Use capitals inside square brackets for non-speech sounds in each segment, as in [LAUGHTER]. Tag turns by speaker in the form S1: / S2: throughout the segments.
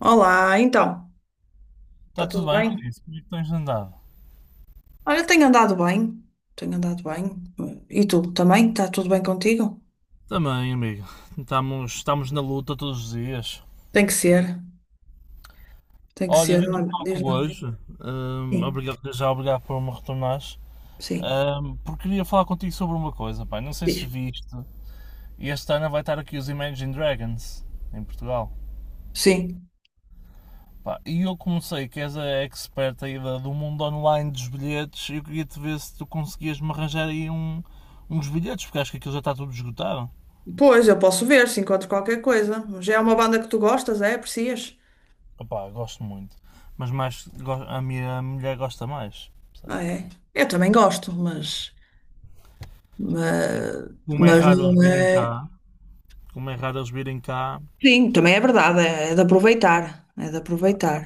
S1: Olá, então,
S2: Está
S1: está
S2: tudo
S1: tudo
S2: bem,
S1: bem?
S2: Luís? Como é que tens andado?
S1: Olha, tenho andado bem, tenho andado bem. E tu também? Está tudo bem contigo?
S2: Também, amigo. Estamos na luta todos os dias.
S1: Tem que ser, tem que
S2: Olha,
S1: ser.
S2: vi que me
S1: Olha, diz
S2: toco
S1: lá.
S2: hoje.
S1: Sim,
S2: Obrigado por me retornares.
S1: sim,
S2: Porque queria falar contigo sobre uma coisa, pá. Não sei se
S1: diz.
S2: viste. Este ano vai estar aqui os Imagine Dragons, em Portugal.
S1: Sim.
S2: Pá, e eu comecei, que és a expert aí do mundo online dos bilhetes, e eu queria te ver se tu conseguias me arranjar aí uns bilhetes, porque acho que aquilo já está tudo esgotado.
S1: Pois, eu posso ver se encontro qualquer coisa. Já é uma banda que tu gostas, é? Aprecias?
S2: Opa, gosto muito. Mas mais, a minha mulher gosta mais,
S1: Ah,
S2: percebes?
S1: é. Eu também gosto,
S2: E
S1: mas,
S2: como é
S1: mas
S2: raro eles
S1: não
S2: virem
S1: é.
S2: cá, como é raro eles virem cá,
S1: Sim, também é verdade, é, é de aproveitar, é de
S2: pá,
S1: aproveitar.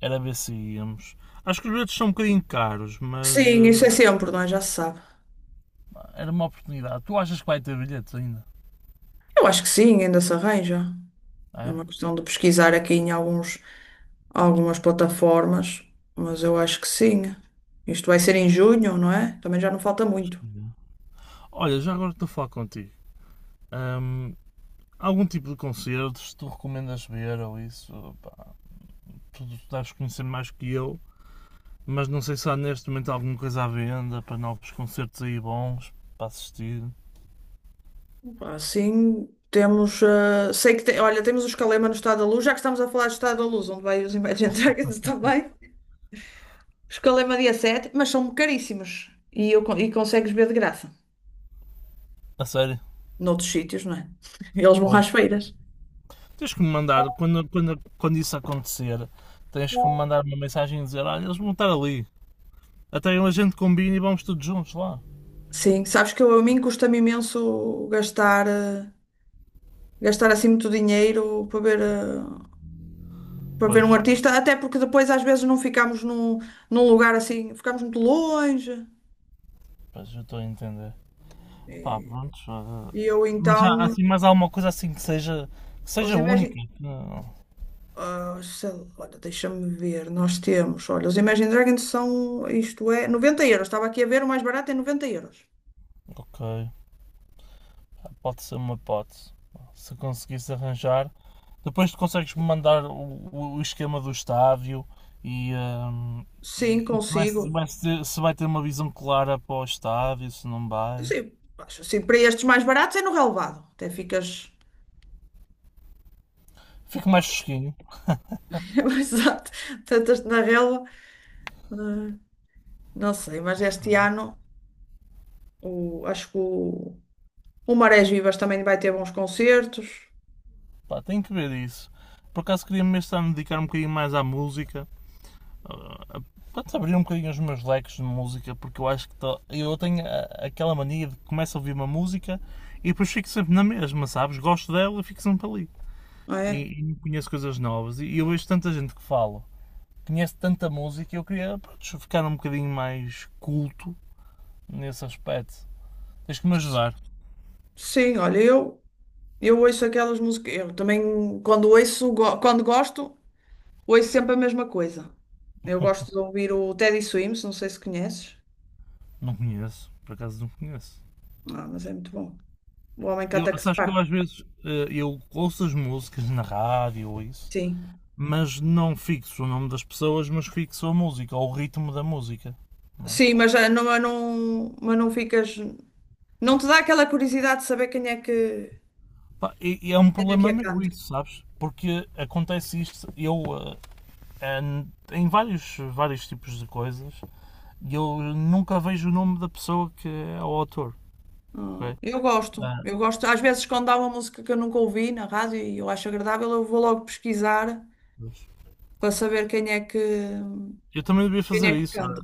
S2: era ver se íamos. Acho que os bilhetes são um bocadinho caros, mas
S1: Sim, isso é sempre, não é? Já se sabe.
S2: era uma oportunidade. Tu achas que vai ter bilhetes ainda?
S1: Eu acho que sim, ainda se arranja.
S2: É?
S1: É
S2: Acho
S1: uma questão de pesquisar aqui em algumas plataformas, mas eu acho que sim. Isto vai ser em junho, não é? Também já não falta
S2: que
S1: muito.
S2: não. Olha, já agora estou a falar contigo. hum, Algum tipo de concertos tu recomendas ver ou isso? Pá, tu deves conhecer mais que eu. Mas não sei se há neste momento alguma coisa à venda para novos concertos aí bons para assistir.
S1: Assim temos. Sei que tem, olha, temos o Escalema no Estado da Luz, já que estamos a falar do Estado da Luz, onde vai os Imagine Dragons [LAUGHS] também. Escalema dia 7, mas são caríssimos. E consegues ver de graça.
S2: A sério.
S1: Noutros sítios, não é? [LAUGHS] Eles vão às
S2: Pois,
S1: feiras.
S2: tens que me mandar, quando isso acontecer, tens que me mandar uma mensagem e dizer: Olha, eles vão estar ali. Até a gente combina e vamos todos juntos lá.
S1: Sim, sabes que eu, a mim custa-me imenso gastar, gastar assim muito dinheiro para ver um
S2: Pois,
S1: artista, até porque depois às vezes não ficamos num lugar assim, ficamos muito longe.
S2: pois eu estou a entender. Pá, pronto.
S1: E eu
S2: Mas há
S1: então,
S2: assim mais alguma coisa assim que
S1: os
S2: seja única.
S1: Imagine,
S2: Não.
S1: sei lá, olha, deixa-me ver, nós temos, olha, os Imagine Dragons são, isto é, 90 euros, estava aqui a ver, o mais barato é 90 euros.
S2: Ok, pode ser uma hipótese. Se conseguisse arranjar. Depois tu consegues-me mandar o esquema do estádio e, hum,
S1: Sim,
S2: e se, vai,
S1: consigo.
S2: se vai ter, se vai ter uma visão clara para o estádio, se não vai.
S1: Sim, acho assim, para estes mais baratos é no relvado, até ficas.
S2: Fico mais
S1: [LAUGHS]
S2: fresquinho.
S1: Exato, tantas na relva. Ah, não sei, mas este ano acho que o Marés Vivas também vai ter bons concertos.
S2: Pá, tenho que ver isso. Por acaso queria mesmo estar a dedicar um bocadinho mais à música. Pode abrir um bocadinho os meus leques de música, porque eu acho que eu aquela mania de que começo a ouvir uma música e depois fico sempre na mesma, sabes? Gosto dela e fico sempre ali.
S1: Não é.
S2: E conheço coisas novas. E eu vejo tanta gente que fala, conhece tanta música e eu queria, pronto, ficar um bocadinho mais culto nesse aspecto. Tens que me ajudar.
S1: Sim, olha, eu ouço aquelas músicas. Eu também, quando gosto, ouço sempre a mesma coisa. Eu gosto de ouvir o Teddy Swims, não sei se conheces.
S2: Não conheço, por acaso não conheço.
S1: Ah, mas é muito bom. O homem que
S2: Eu,
S1: ataca se
S2: sabes que eu
S1: parte.
S2: às vezes eu ouço as músicas na rádio ou isso,
S1: Sim.
S2: mas não fixo o nome das pessoas, mas fixo a música ou o ritmo da música, não é?
S1: Sim, mas não ficas. Não te dá aquela curiosidade de saber quem é que,
S2: Pá, e é um
S1: quem é que
S2: problema
S1: a
S2: meu
S1: canta.
S2: isso, sabes? Porque acontece isto, eh, em vários tipos de coisas, eu nunca vejo o nome da pessoa que é o autor.
S1: Ah,
S2: Ok?
S1: eu gosto,
S2: Ah,
S1: eu gosto. Às vezes, quando há uma música que eu nunca ouvi na rádio e eu acho agradável, eu vou logo pesquisar para saber quem é que.
S2: eu também devia
S1: Quem
S2: fazer
S1: é que
S2: isso.
S1: canta?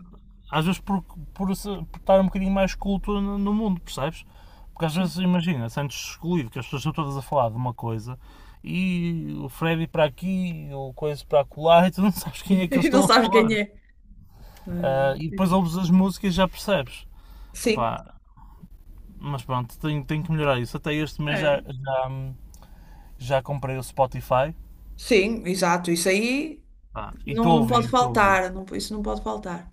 S2: Às vezes por, por estar um bocadinho mais culto no mundo, percebes? Porque às
S1: Sim.
S2: vezes, imagina, sentes excluído que as pessoas estão todas a falar de uma coisa e o Freddy para aqui, o Coisa para acolá e tu não [LAUGHS] sabes
S1: [LAUGHS]
S2: quem é que eles
S1: E não
S2: estão a
S1: sabes
S2: falar.
S1: quem é. Ah,
S2: Ah, e depois ouves as músicas e já percebes.
S1: sim,
S2: Opá, mas pronto, tenho, tenho que melhorar isso. Até este mês já,
S1: é.
S2: já, já comprei o Spotify.
S1: Sim, exato. Isso aí
S2: Pá, e
S1: não,
S2: estou a
S1: não pode
S2: ouvir, estou a ouvir.
S1: faltar. Não, isso não pode faltar.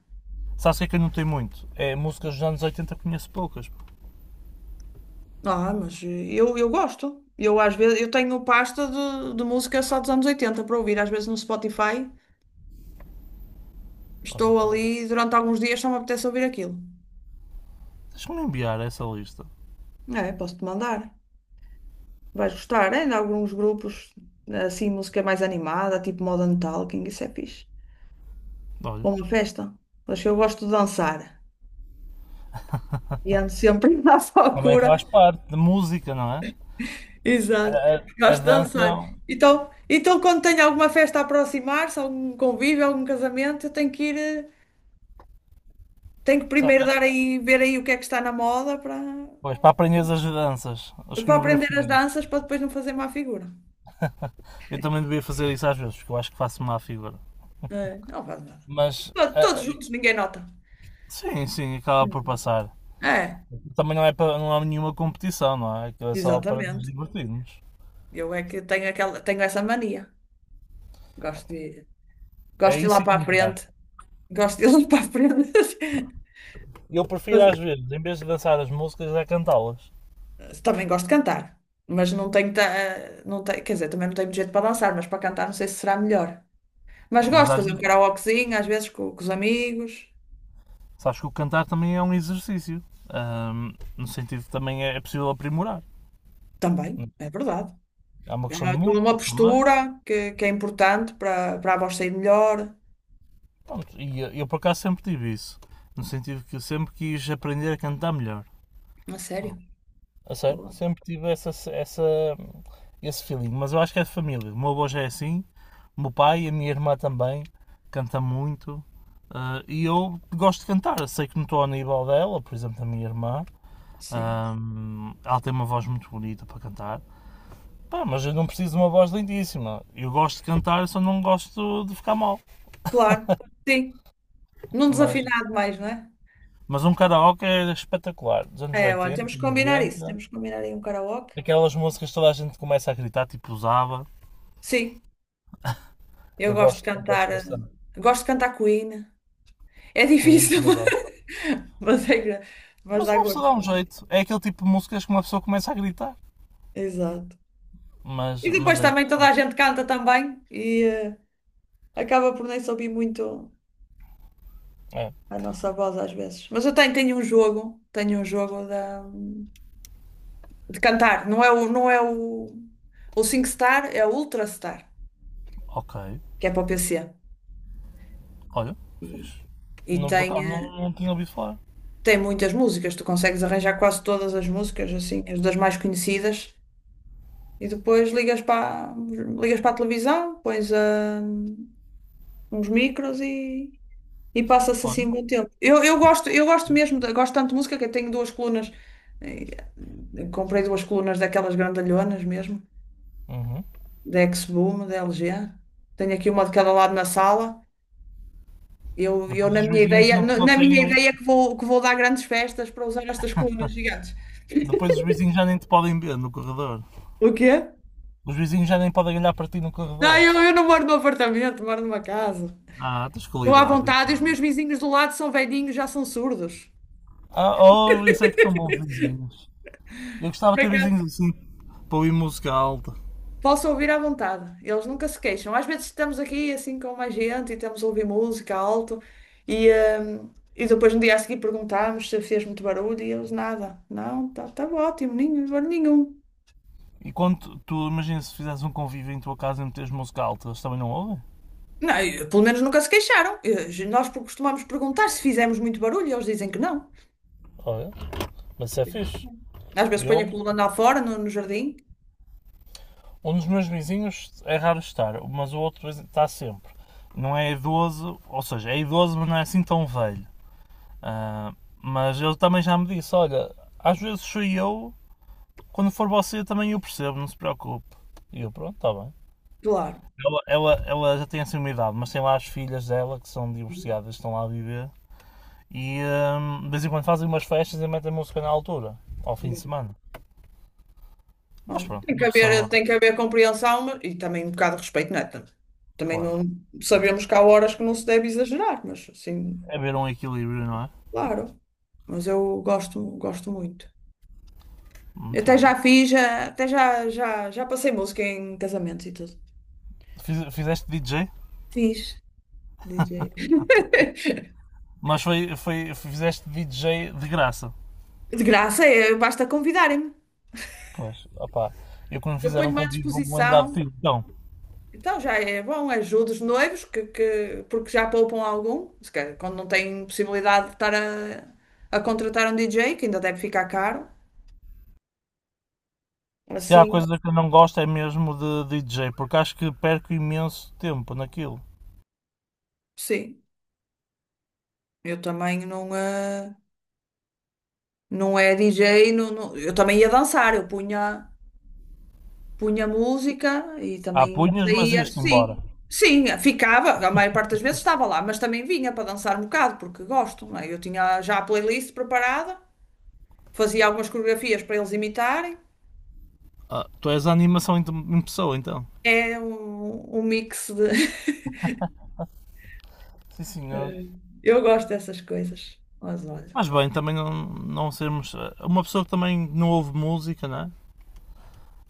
S2: Sabes o que é que eu não tenho muito? É músicas dos anos 80, conheço poucas.
S1: Ah, mas eu gosto. Eu às vezes eu tenho pasta de música só dos anos 80 para ouvir. Às vezes no Spotify estou
S2: Olha,
S1: ali durante alguns dias só me apetece ouvir aquilo.
S2: deixa-me enviar essa lista.
S1: É, posso-te mandar. Vais gostar. Ainda há alguns grupos assim, música mais animada, tipo Modern Talking. Isso é fixe.
S2: Olha.
S1: Para uma festa. Mas eu gosto de dançar. E ando sempre [LAUGHS] à
S2: Também
S1: procura.
S2: faz parte de música, não é? A,
S1: Exato.
S2: a- a
S1: Gosto de
S2: dança.
S1: dançar. Então quando tenho alguma festa a aproximar-se, algum convívio, algum casamento, eu tenho que
S2: Sabe.
S1: primeiro dar aí, ver aí o que é que está na moda para,
S2: Pois, para aprender as danças, as
S1: para aprender as
S2: coreografias.
S1: danças para depois não fazer má figura.
S2: Eu também devia fazer isso às vezes, porque eu acho que faço má figura.
S1: É, não faz nada.
S2: Mas.
S1: Todos juntos, ninguém nota.
S2: Sim, sim, acaba por
S1: Hum.
S2: passar.
S1: É,
S2: Também não é para, não há nenhuma competição, não é? Aquilo é só para nos
S1: exatamente.
S2: divertirmos.
S1: Eu é que tenho essa mania. Gosto de,
S2: É
S1: gosto de ir lá
S2: isso e
S1: para a
S2: cantar.
S1: frente. Gosto de ir lá para a frente.
S2: Eu prefiro às
S1: [LAUGHS]
S2: vezes, em vez de dançar as músicas, é cantá-las.
S1: Também gosto de cantar, mas não tenho, quer dizer, também não tenho muito jeito para dançar, mas para cantar não sei se será melhor. Mas gosto
S2: Mas
S1: de
S2: às
S1: fazer um
S2: vezes
S1: karaokezinho, às vezes com, os amigos.
S2: Sabes que o cantar também é um exercício. No sentido que também é possível aprimorar.
S1: Também, é verdade.
S2: Há uma
S1: É
S2: questão de
S1: toda uma
S2: músculos também.
S1: postura que é importante para a voz sair melhor.
S2: Pronto, e eu por acaso sempre tive isso. No sentido que eu sempre quis aprender a cantar melhor.
S1: A sério?
S2: Pronto. A sério?
S1: Boa.
S2: Sempre tive esse feeling. Mas eu acho que é de família. O meu avô já é assim. O meu pai e a minha irmã também. Canta muito. Ah, e eu gosto de cantar. Sei que não estou ao nível dela, por exemplo, da minha irmã.
S1: Sim.
S2: Ela tem uma voz muito bonita para cantar. Pá, mas eu não preciso de uma voz lindíssima. Eu gosto de cantar, só não gosto de ficar mal.
S1: Claro. Sim. Não
S2: Mas,
S1: desafinado mais, não é?
S2: mas um karaoke é espetacular. Dos anos
S1: É, olha,
S2: oitenta
S1: temos que combinar isso.
S2: 90,
S1: Temos que combinar aí um karaoke.
S2: aquelas músicas que toda a gente começa a gritar, tipo usava.
S1: Sim, eu
S2: Eu
S1: gosto de
S2: gosto, gosto
S1: cantar.
S2: bastante.
S1: Gosto de cantar Queen. É
S2: Queen
S1: difícil,
S2: também gosto.
S1: [LAUGHS] mas é gra- mas
S2: Mas
S1: dá
S2: uma
S1: gosto.
S2: pessoa dá um jeito. É aquele tipo de músicas que uma pessoa começa a gritar.
S1: Exato.
S2: Mas,
S1: E
S2: mas
S1: depois
S2: é
S1: também toda
S2: interessante.
S1: a gente canta também e acaba por nem se ouvir muito
S2: É.
S1: a nossa voz às vezes. Mas eu tenho um jogo de cantar. Não é o SingStar, é o Ultrastar,
S2: Ok.
S1: que é para o PC.
S2: Olha,
S1: E,
S2: fixe.
S1: e
S2: Não, por
S1: tem,
S2: acaso não,
S1: eh,
S2: não tinha ouvido falar.
S1: tem muitas músicas, tu consegues arranjar quase todas as músicas, assim, as das mais conhecidas. E depois ligas para a televisão, pões a uns micros e passa-se assim
S2: Olha,
S1: um bom tempo. Eu gosto
S2: fixe.
S1: mesmo, gosto tanto de música que eu tenho duas colunas. eh, Comprei duas colunas daquelas grandalhonas mesmo,
S2: Uhum.
S1: da X-Boom, da LG. Tenho aqui uma de cada lado na sala. Eu,
S2: Depois
S1: na
S2: os
S1: minha
S2: vizinhos
S1: ideia,
S2: não te
S1: na na minha
S2: conseguem ouvir.
S1: ideia que vou dar grandes festas para usar estas colunas gigantes.
S2: Depois os vizinhos já nem te podem ver no corredor.
S1: O quê?
S2: Os vizinhos já nem podem olhar para ti no
S1: Não,
S2: corredor.
S1: eu não moro num apartamento, moro numa casa.
S2: Ah, tens
S1: Estou à
S2: qualidade
S1: vontade, e os
S2: então.
S1: meus vizinhos do lado são velhinhos, já são surdos.
S2: Ah, oh, isso é que são bons vizinhos. Eu gostava de ter vizinhos assim para ouvir música alta.
S1: Posso ouvir à vontade, eles nunca se queixam. Às vezes estamos aqui assim com mais gente e estamos a ouvir música alto e, e depois no dia a seguir perguntamos se fez muito barulho e eles nada. Não, tá ótimo, nenhum barulho nenhum.
S2: E quando tu imagina, se fizesse um convívio em tua casa e meteres música alta, eles também não ouvem?
S1: Não, e, pelo menos nunca se queixaram. E, nós costumamos perguntar se fizemos muito barulho e eles dizem que não.
S2: Olha, mas isso é fixe.
S1: Às vezes
S2: Eu,
S1: ponho a coluna lá fora, no jardim.
S2: um dos meus vizinhos é raro estar, mas o outro está sempre. Não é idoso, ou seja, é idoso, mas não é assim tão velho. Ah, mas ele também já me disse: Olha, às vezes sou eu, quando for você também eu percebo, não se preocupe. E eu, pronto, está bem.
S1: Claro.
S2: Ela já tem assim uma idade, mas tem lá as filhas dela que são divorciadas, estão lá a viver. E de vez em quando fazem umas festas e metem música na altura, ao fim de semana. Mas
S1: Bom,
S2: pronto,
S1: Tem que
S2: uma
S1: haver,
S2: pessoa,
S1: tem que haver compreensão e também um bocado de respeito, não é? Também
S2: claro.
S1: não sabemos que há horas que não se deve exagerar, mas assim,
S2: É ver um equilíbrio, não é?
S1: claro. Mas eu gosto, gosto muito. Eu
S2: Muito
S1: Até já
S2: bom.
S1: fiz, já- até já, já, já passei música em casamentos e tudo.
S2: Fizeste DJ?
S1: Fiz. DJ.
S2: Mas fizeste DJ de graça.
S1: De graça, é, basta convidarem-me.
S2: Pois, opá. Eu quando
S1: Eu
S2: fizeram um
S1: ponho-me à
S2: convite vou-me lembrar de
S1: disposição.
S2: ti. Então,
S1: Então já é bom, ajudo os noivos, porque já poupam algum. Se calhar, quando não têm possibilidade de estar a contratar um DJ, que ainda deve ficar caro.
S2: se há
S1: Assim,
S2: coisa que eu não gosto é mesmo de DJ, porque acho que perco imenso tempo naquilo.
S1: sim. Eu também não é DJ, não, eu também ia dançar, eu punha música e
S2: Há
S1: também
S2: punhas, mas
S1: saía,
S2: ias-te embora.
S1: sim, sim, ficava, a maior parte das vezes estava lá, mas também vinha para dançar um bocado, porque gosto, não é? Eu tinha já a playlist preparada, fazia algumas coreografias para eles imitarem,
S2: Ah, tu és a animação em pessoa, então.
S1: é um mix de.
S2: Sim, senhor.
S1: [LAUGHS] Eu gosto dessas coisas, mas olha,
S2: Mas bem, também não, não sermos. Ah, uma pessoa que também não ouve música, não é?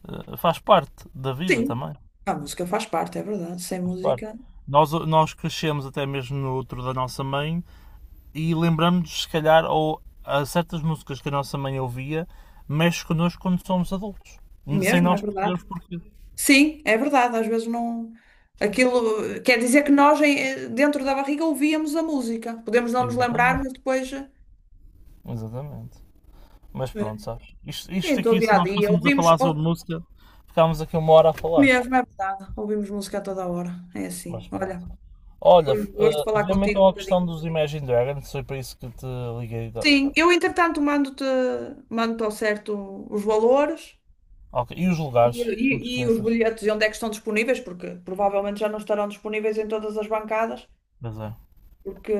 S2: Faz parte da vida
S1: sim,
S2: também.
S1: a música faz parte, é verdade, sem
S2: Faz parte.
S1: música
S2: Nós crescemos até mesmo no outro da nossa mãe e lembramos-nos, se calhar, ou a certas músicas que a nossa mãe ouvia, mexe connosco quando somos adultos. Sem
S1: mesmo, é
S2: nós
S1: verdade.
S2: percebermos porquê.
S1: Sim, é verdade, às vezes não. Aquilo quer dizer que nós dentro da barriga ouvíamos a música. Podemos não nos lembrar,
S2: Exatamente.
S1: mas depois.
S2: Exatamente. Mas
S1: É.
S2: pronto, sabes? Isto
S1: Em todo o
S2: aqui, se
S1: dia a
S2: nós
S1: dia
S2: fôssemos a
S1: ouvimos,
S2: falar sobre música, ficámos aqui 1 hora a falar.
S1: mesmo, é verdade, ouvimos música a toda a hora. É assim.
S2: Mas pronto.
S1: Olha,
S2: Olha,
S1: foi um gosto falar
S2: vê-me
S1: contigo um
S2: então a
S1: bocadinho.
S2: questão dos Imagine Dragons, foi para isso que te liguei.
S1: Sim, eu entretanto mando-te ao certo os valores
S2: Ok, e os
S1: e,
S2: lugares, não te
S1: e, e os
S2: esqueças.
S1: bilhetes e onde é que estão disponíveis, porque provavelmente já não estarão disponíveis em todas as bancadas.
S2: Pois é.
S1: Porque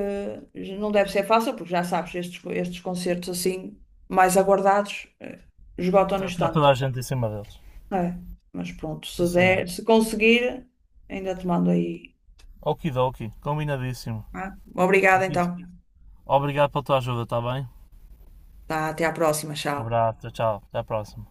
S1: não deve ser fácil, porque já sabes, estes concertos assim, mais aguardados, esgotam no
S2: Está toda
S1: instante.
S2: a gente em cima deles.
S1: É, mas pronto,
S2: Sim,
S1: se
S2: senhor.
S1: der, se conseguir, ainda te mando aí.
S2: Okidoki, combinadíssimo.
S1: Tá? Obrigada então.
S2: Obrigado pela tua ajuda, está bem?
S1: Tá, até à próxima, tchau.
S2: Um abraço, tchau, tchau. Até à próxima.